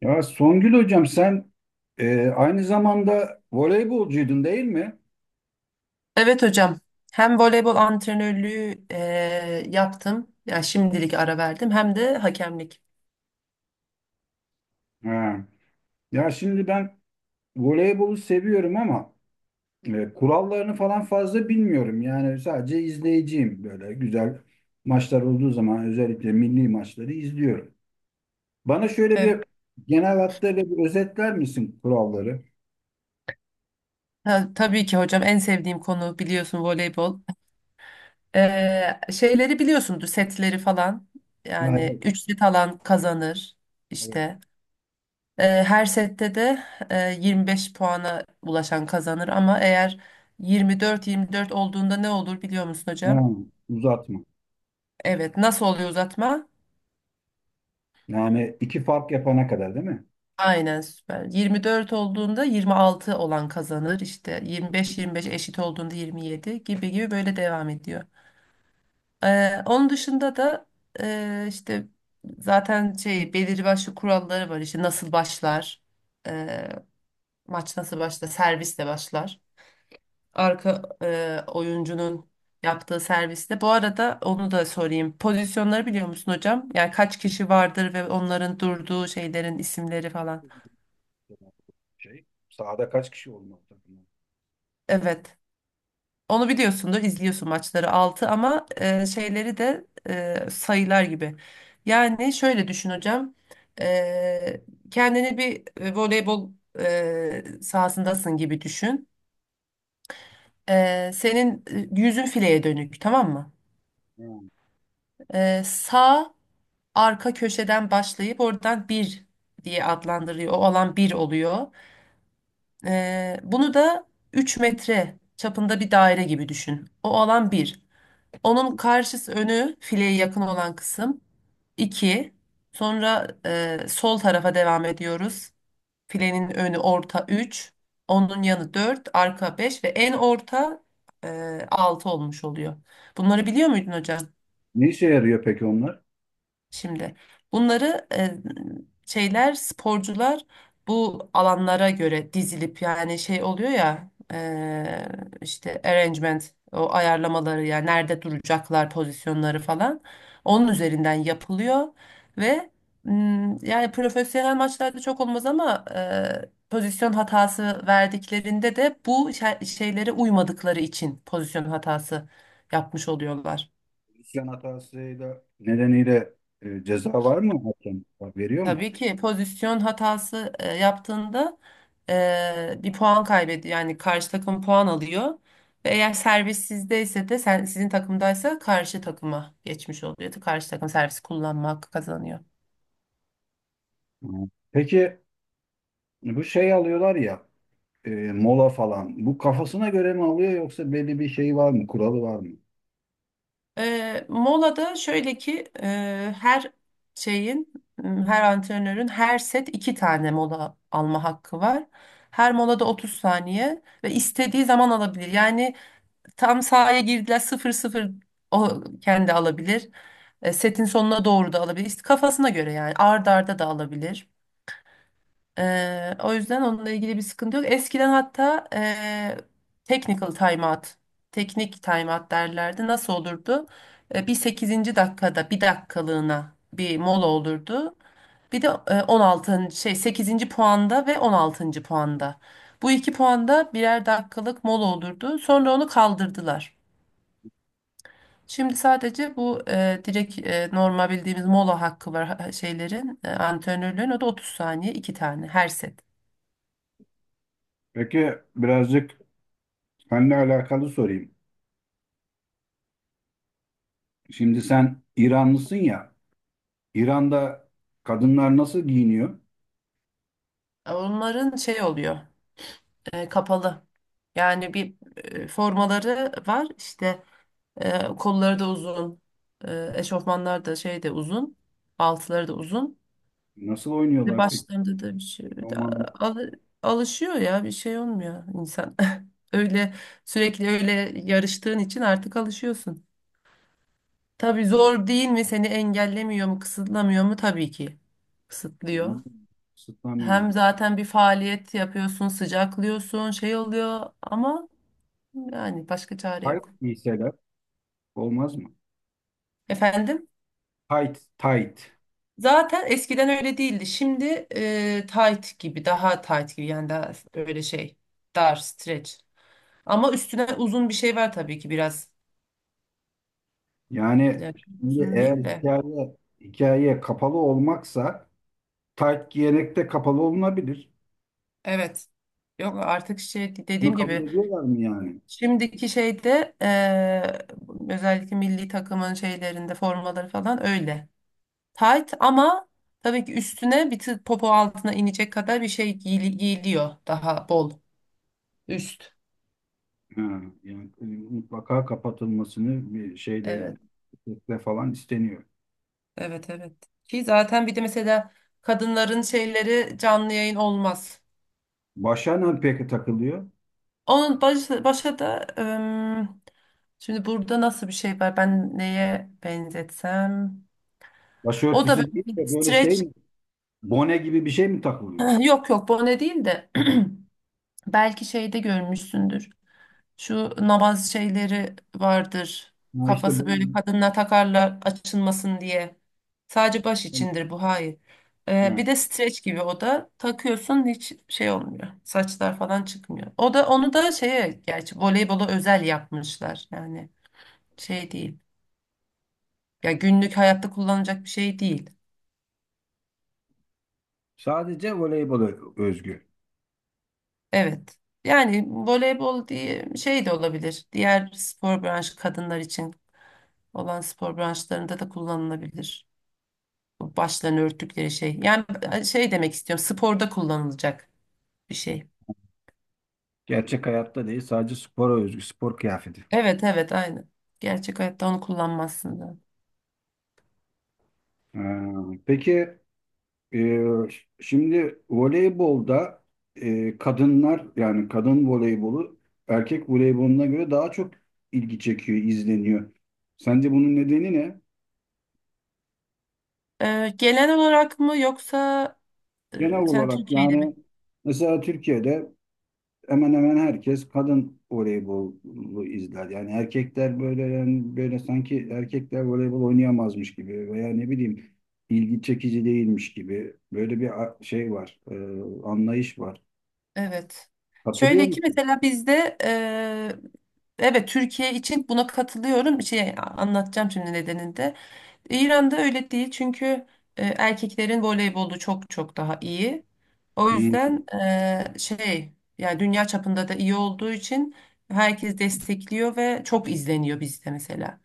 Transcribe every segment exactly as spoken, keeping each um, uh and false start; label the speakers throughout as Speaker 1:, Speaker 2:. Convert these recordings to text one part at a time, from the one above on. Speaker 1: Ya Songül hocam sen e, aynı zamanda voleybolcuydun değil mi?
Speaker 2: Evet hocam. Hem voleybol antrenörlüğü eee, yaptım. Yani şimdilik ara verdim. Hem de hakemlik.
Speaker 1: Ha. Ya şimdi ben voleybolu seviyorum ama e, kurallarını falan fazla bilmiyorum. Yani sadece izleyiciyim böyle güzel maçlar olduğu zaman özellikle milli maçları izliyorum. Bana şöyle
Speaker 2: Evet.
Speaker 1: bir genel hatlarıyla bir özetler misin kuralları?
Speaker 2: Ta- tabii ki hocam en sevdiğim konu biliyorsun voleybol. Eee, şeyleri biliyorsundur setleri falan.
Speaker 1: Ha, evet,
Speaker 2: Yani üç set alan kazanır
Speaker 1: evet.
Speaker 2: işte. Eee, her sette de eee, yirmi beş puana ulaşan kazanır, ama eğer yirmi dört yirmi dört olduğunda ne olur biliyor musun
Speaker 1: Ha,
Speaker 2: hocam?
Speaker 1: uzatma.
Speaker 2: Evet. Nasıl oluyor uzatma?
Speaker 1: Yani iki fark yapana kadar değil mi?
Speaker 2: Aynen, süper. yirmi dört olduğunda yirmi altı olan kazanır işte, yirmi beş yirmi beş eşit olduğunda yirmi yedi, gibi gibi böyle devam ediyor. Ee, onun dışında da e, işte zaten şey belirli başlı kuralları var. İşte nasıl başlar, e, maç nasıl başlar, servisle başlar. Arka e, oyuncunun yaptığı servisle. Bu arada onu da sorayım. Pozisyonları biliyor musun hocam? Yani kaç kişi vardır ve onların durduğu şeylerin isimleri falan.
Speaker 1: Şey, sahada kaç kişi olmalı takımda?
Speaker 2: Evet. Onu biliyorsundur, izliyorsun maçları, altı. Ama e, şeyleri de e, sayılar gibi. Yani şöyle düşün hocam. E, kendini bir e, voleybol e, sahasındasın gibi düşün. E, senin e, yüzün fileye dönük, tamam mı? E, sağ arka köşeden başlayıp oradan bir diye adlandırıyor. O alan bir oluyor. E, bunu da üç metre çapında bir daire gibi düşün. O alan bir. Onun karşısı, önü fileye yakın olan kısım, iki. Sonra e, sol tarafa devam ediyoruz. Filenin önü orta, üç. Onun yanı dört, arka beş ve en orta e, altı olmuş oluyor. Bunları biliyor muydun hocam?
Speaker 1: Ne işe yarıyor peki onlar?
Speaker 2: Şimdi bunları e, şeyler, sporcular bu alanlara göre dizilip yani şey oluyor ya, e, işte arrangement, o ayarlamaları, yani nerede duracaklar, pozisyonları falan onun üzerinden yapılıyor. Ve m, yani profesyonel maçlarda çok olmaz, ama e, pozisyon hatası verdiklerinde de bu şe- şeylere uymadıkları için pozisyon hatası yapmış oluyorlar.
Speaker 1: İsyan hatasıyla nedeniyle e, ceza var mı? Hakem veriyor mu?
Speaker 2: Tabii ki pozisyon hatası e, yaptığında e, bir puan kaybediyor. Yani karşı takım puan alıyor. Ve eğer servis sizdeyse de, sen, sizin takımdaysa karşı takıma geçmiş oluyor. Karşı takım servis kullanma hakkı kazanıyor.
Speaker 1: Hı. Peki bu şey alıyorlar ya e, mola falan. Bu kafasına göre mi alıyor yoksa belli bir şey var mı? Kuralı var mı?
Speaker 2: E, molada şöyle ki, e, her şeyin, m, her antrenörün her set iki tane mola alma hakkı var. Her molada otuz saniye ve istediği zaman alabilir. Yani tam sahaya girdiler sıfır sıfır, o kendi alabilir. E, setin sonuna doğru da alabilir. İşte kafasına göre, yani arda arda da alabilir. E, o yüzden onunla ilgili bir sıkıntı yok. Eskiden hatta e, technical timeout, teknik timeout derlerdi. Nasıl olurdu? E, bir sekizinci dakikada bir dakikalığına bir mola olurdu. Bir de e, on altıncı şey sekizinci puanda ve on altıncı puanda, bu iki puanda birer dakikalık mola olurdu. Sonra onu kaldırdılar. Şimdi sadece bu e, direkt e, normal bildiğimiz mola hakkı var ha- şeylerin e, antrenörlerin, o da otuz saniye, iki tane her set.
Speaker 1: Peki birazcık seninle alakalı sorayım. Şimdi sen İranlısın ya. İran'da kadınlar nasıl giyiniyor?
Speaker 2: E, Onların şey oluyor, e, kapalı. Yani bir e, formaları var işte, e, kolları da uzun, e, eşofmanlar da şey de uzun, altları da uzun
Speaker 1: Nasıl
Speaker 2: ve
Speaker 1: oynuyorlar peki?
Speaker 2: başlarında da bir şey. Bir de
Speaker 1: Romanlar,
Speaker 2: al- alışıyor ya, bir şey olmuyor insan. Öyle sürekli öyle yarıştığın için artık alışıyorsun. Tabii zor değil mi? Seni engellemiyor mu, kısıtlamıyor mu? Tabii ki kısıtlıyor.
Speaker 1: ısıtlamıyor mu?
Speaker 2: Hem zaten bir faaliyet yapıyorsun, sıcaklıyorsun, şey oluyor, ama yani başka çare
Speaker 1: Tight
Speaker 2: yok.
Speaker 1: giyseler olmaz mı?
Speaker 2: Efendim?
Speaker 1: Tight, tight.
Speaker 2: Zaten eskiden öyle değildi. Şimdi e, tight gibi, daha tight gibi, yani daha öyle şey, dar, stretch. Ama üstüne uzun bir şey var tabii ki, biraz.
Speaker 1: Yani
Speaker 2: Yani çok
Speaker 1: şimdi
Speaker 2: uzun
Speaker 1: eğer
Speaker 2: değil de.
Speaker 1: hikaye hikaye kapalı olmaksa tayt giyerek de kapalı olunabilir.
Speaker 2: Evet. Yok, artık şey,
Speaker 1: Bunu
Speaker 2: dediğim
Speaker 1: kabul
Speaker 2: gibi.
Speaker 1: ediyorlar mı yani?
Speaker 2: Şimdiki şeyde eee, özellikle milli takımın şeylerinde formaları falan öyle. Tight, ama tabii ki üstüne bir tık, popo altına inecek kadar bir şey giyili- giyiliyor, daha bol üst.
Speaker 1: Ha, yani e, mutlaka kapatılmasını bir şeyde
Speaker 2: Evet,
Speaker 1: de falan isteniyor.
Speaker 2: evet, evet. Ki zaten bir de mesela kadınların şeyleri, canlı yayın olmaz.
Speaker 1: Başa ne peki takılıyor?
Speaker 2: Onun baş, başa da, ım, şimdi burada nasıl bir şey var? Ben neye benzetsem? O da
Speaker 1: Başörtüsü değil
Speaker 2: böyle bir
Speaker 1: de böyle şey
Speaker 2: streç.
Speaker 1: mi? Bone gibi bir şey mi takılıyor?
Speaker 2: Yok yok, bone değil de. Belki şeyde görmüşsündür. Şu namaz şeyleri vardır.
Speaker 1: Ha işte
Speaker 2: Kafası
Speaker 1: bu-
Speaker 2: böyle kadınla takarlar açılmasın diye. Sadece baş içindir bu, hayır. Ee,
Speaker 1: ha.
Speaker 2: bir de streç gibi, o da takıyorsun, hiç şey olmuyor. Saçlar falan çıkmıyor. O da, onu da şeye, gerçi voleybola özel yapmışlar. Yani şey değil. Ya günlük hayatta kullanacak bir şey değil.
Speaker 1: Sadece voleybola özgü.
Speaker 2: Evet. Yani voleybol diye şey de olabilir. Diğer spor branşı, kadınlar için olan spor branşlarında da kullanılabilir, bu başlarını örttükleri şey. Yani şey demek istiyorum, sporda kullanılacak bir şey.
Speaker 1: Gerçek hayatta değil, sadece spora özgü spor kıyafeti.
Speaker 2: Evet, evet, aynı. Gerçek hayatta onu kullanmazsın da.
Speaker 1: Ha, peki. Ee, Şimdi voleybolda e, kadınlar yani kadın voleybolu erkek voleyboluna göre daha çok ilgi çekiyor, izleniyor. Sence bunun nedeni ne?
Speaker 2: Ee, genel olarak mı, yoksa
Speaker 1: Genel
Speaker 2: e, sen
Speaker 1: olarak
Speaker 2: Türkiye'de
Speaker 1: yani
Speaker 2: mi?
Speaker 1: mesela Türkiye'de hemen hemen herkes kadın voleybolu izler. Yani erkekler böyle yani böyle sanki erkekler voleybol oynayamazmış gibi veya ne bileyim ilgi çekici değilmiş gibi böyle bir a- şey var, e, anlayış var.
Speaker 2: Evet.
Speaker 1: Katılıyor
Speaker 2: Şöyle ki
Speaker 1: musun?
Speaker 2: mesela bizde e, evet, Türkiye için buna katılıyorum. Bir şey anlatacağım şimdi nedeninde. İran'da öyle değil, çünkü e, erkeklerin voleybolu çok çok daha iyi. O
Speaker 1: Hı.
Speaker 2: yüzden e, şey, yani dünya çapında da iyi olduğu için herkes destekliyor ve çok izleniyor bizde mesela.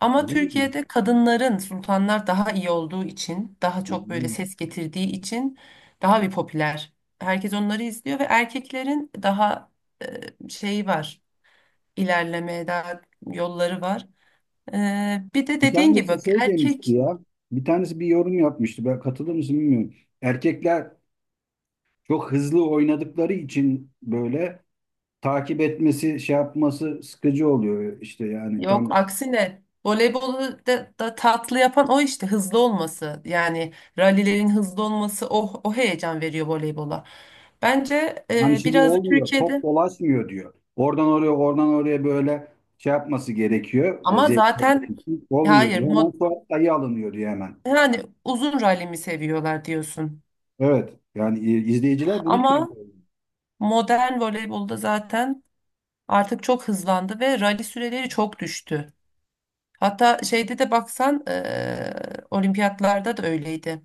Speaker 2: Ama
Speaker 1: Öyle mi?
Speaker 2: Türkiye'de kadınların, sultanlar, daha iyi olduğu için, daha çok böyle
Speaker 1: Hı.
Speaker 2: ses getirdiği için daha bir popüler. Herkes onları izliyor ve erkeklerin daha e, şeyi var, ilerlemeye daha yolları var. Ee, bir de
Speaker 1: Bir
Speaker 2: dediğin gibi
Speaker 1: tanesi
Speaker 2: bak,
Speaker 1: şey demişti
Speaker 2: erkek.
Speaker 1: ya. Bir tanesi bir yorum yapmıştı. Ben katılır mısın bilmiyorum. Erkekler çok hızlı oynadıkları için böyle takip etmesi, şey yapması sıkıcı oluyor işte yani
Speaker 2: Yok,
Speaker 1: tam
Speaker 2: aksine voleybolu da, da tatlı yapan o işte, hızlı olması. Yani rallilerin hızlı olması, o, o heyecan veriyor voleybola. Bence
Speaker 1: hani
Speaker 2: e,
Speaker 1: şey
Speaker 2: biraz da
Speaker 1: olmuyor. Top
Speaker 2: Türkiye'de,
Speaker 1: dolaşmıyor diyor. Oradan oraya, oradan oraya böyle şey yapması gerekiyor. e,
Speaker 2: ama
Speaker 1: Zevkli olması
Speaker 2: zaten
Speaker 1: için olmuyor
Speaker 2: hayır,
Speaker 1: diyor. Hemen
Speaker 2: mod-
Speaker 1: sonra dayı alınıyor diyor hemen.
Speaker 2: yani uzun rally mi seviyorlar diyorsun.
Speaker 1: Evet. Yani e, izleyiciler bunu
Speaker 2: Ama
Speaker 1: seviyor.
Speaker 2: modern voleybolda zaten artık çok hızlandı ve rally süreleri çok düştü. Hatta şeyde de baksan e, olimpiyatlarda da öyleydi.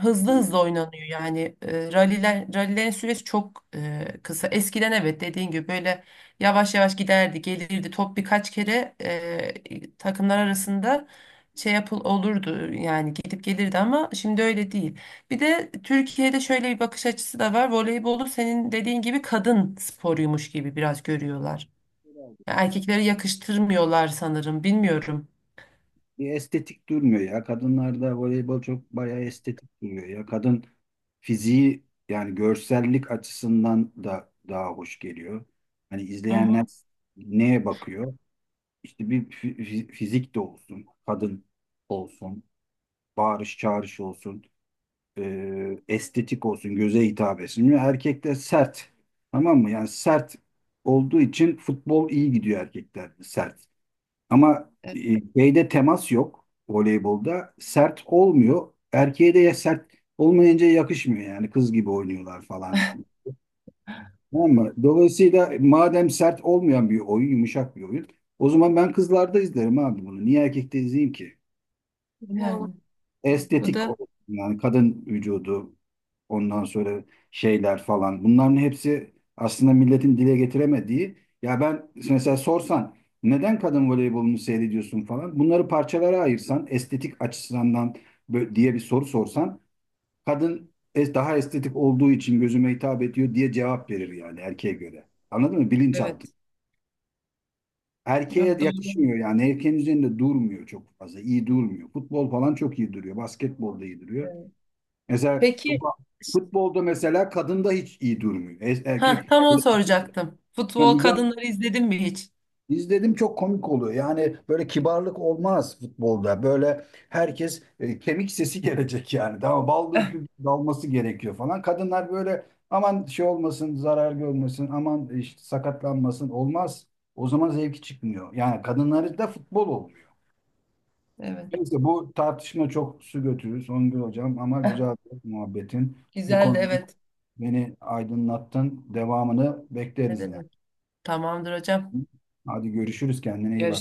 Speaker 2: Hızlı hızlı oynanıyor, yani e, ralliler rallilerin süresi çok e, kısa. Eskiden evet, dediğin gibi böyle yavaş yavaş giderdi, gelirdi. Top birkaç kere e, takımlar arasında şey yapıl olurdu, yani gidip gelirdi, ama şimdi öyle değil. Bir de Türkiye'de şöyle bir bakış açısı da var: Voleybolu, senin dediğin gibi, kadın sporuymuş gibi biraz görüyorlar.
Speaker 1: Hı.
Speaker 2: Erkeklere yakıştırmıyorlar sanırım, bilmiyorum.
Speaker 1: Bir estetik durmuyor ya. Kadınlarda voleybol çok bayağı estetik duruyor ya. Kadın fiziği yani görsellik açısından da daha hoş geliyor. Hani
Speaker 2: Hı
Speaker 1: izleyenler
Speaker 2: hı.
Speaker 1: neye bakıyor? İşte bir fi- fi- fizik de olsun, kadın olsun, bağırış çağırış olsun, e, estetik olsun, göze hitap etsin. Erkekler sert, tamam mı? Yani sert olduğu için futbol iyi gidiyor erkeklerde sert. Ama e, şeyde temas yok voleybolda. Sert olmuyor. Erkeğe de ya sert olmayınca yakışmıyor yani kız gibi oynuyorlar falan. Tamam mı? Dolayısıyla madem sert olmayan bir oyun, yumuşak bir oyun, o zaman ben kızlarda izlerim abi bunu. Niye erkekte izleyeyim ki?
Speaker 2: Yani bu
Speaker 1: Estetik
Speaker 2: da,
Speaker 1: olsun yani kadın vücudu, ondan sonra şeyler falan, bunların hepsi aslında milletin dile getiremediği, ya ben mesela sorsan neden kadın voleybolunu seyrediyorsun falan, bunları parçalara ayırsan estetik açısından bö- diye bir soru sorsan kadın es- daha estetik olduğu için gözüme hitap ediyor diye cevap verir yani erkeğe göre, anladın mı, bilinçaltı.
Speaker 2: evet.
Speaker 1: Erkeğe
Speaker 2: Yok, doğru.
Speaker 1: yakışmıyor yani erkeğin üzerinde durmuyor çok fazla, iyi durmuyor, futbol falan çok iyi duruyor, basketbol da iyi duruyor.
Speaker 2: Evet.
Speaker 1: Mesela
Speaker 2: Peki,
Speaker 1: futbolda mesela kadın da hiç iyi durmuyor. E-
Speaker 2: ha,
Speaker 1: Erkek
Speaker 2: tam onu soracaktım.
Speaker 1: yani
Speaker 2: Futbol
Speaker 1: müga-
Speaker 2: kadınları izledin mi hiç?
Speaker 1: izledim, çok komik oluyor. Yani böyle kibarlık olmaz futbolda. Böyle herkes e, kemik sesi gelecek yani. Daha baldır
Speaker 2: Eh.
Speaker 1: küp dalması gerekiyor falan. Kadınlar böyle aman şey olmasın, zarar görmesin, aman işte sakatlanmasın, olmaz. O zaman zevki çıkmıyor. Yani kadınlarda da futbol olmuyor.
Speaker 2: Evet.
Speaker 1: Neyse bu tartışma çok su götürür Songül Hocam ama
Speaker 2: Eh.
Speaker 1: güzel bir muhabbetin. Bu
Speaker 2: Güzeldi,
Speaker 1: konuda
Speaker 2: evet.
Speaker 1: beni aydınlattın. Devamını
Speaker 2: Ne
Speaker 1: bekleriz yani.
Speaker 2: demek? Tamamdır hocam.
Speaker 1: Hadi görüşürüz. Kendine iyi bak.
Speaker 2: Görüşürüz.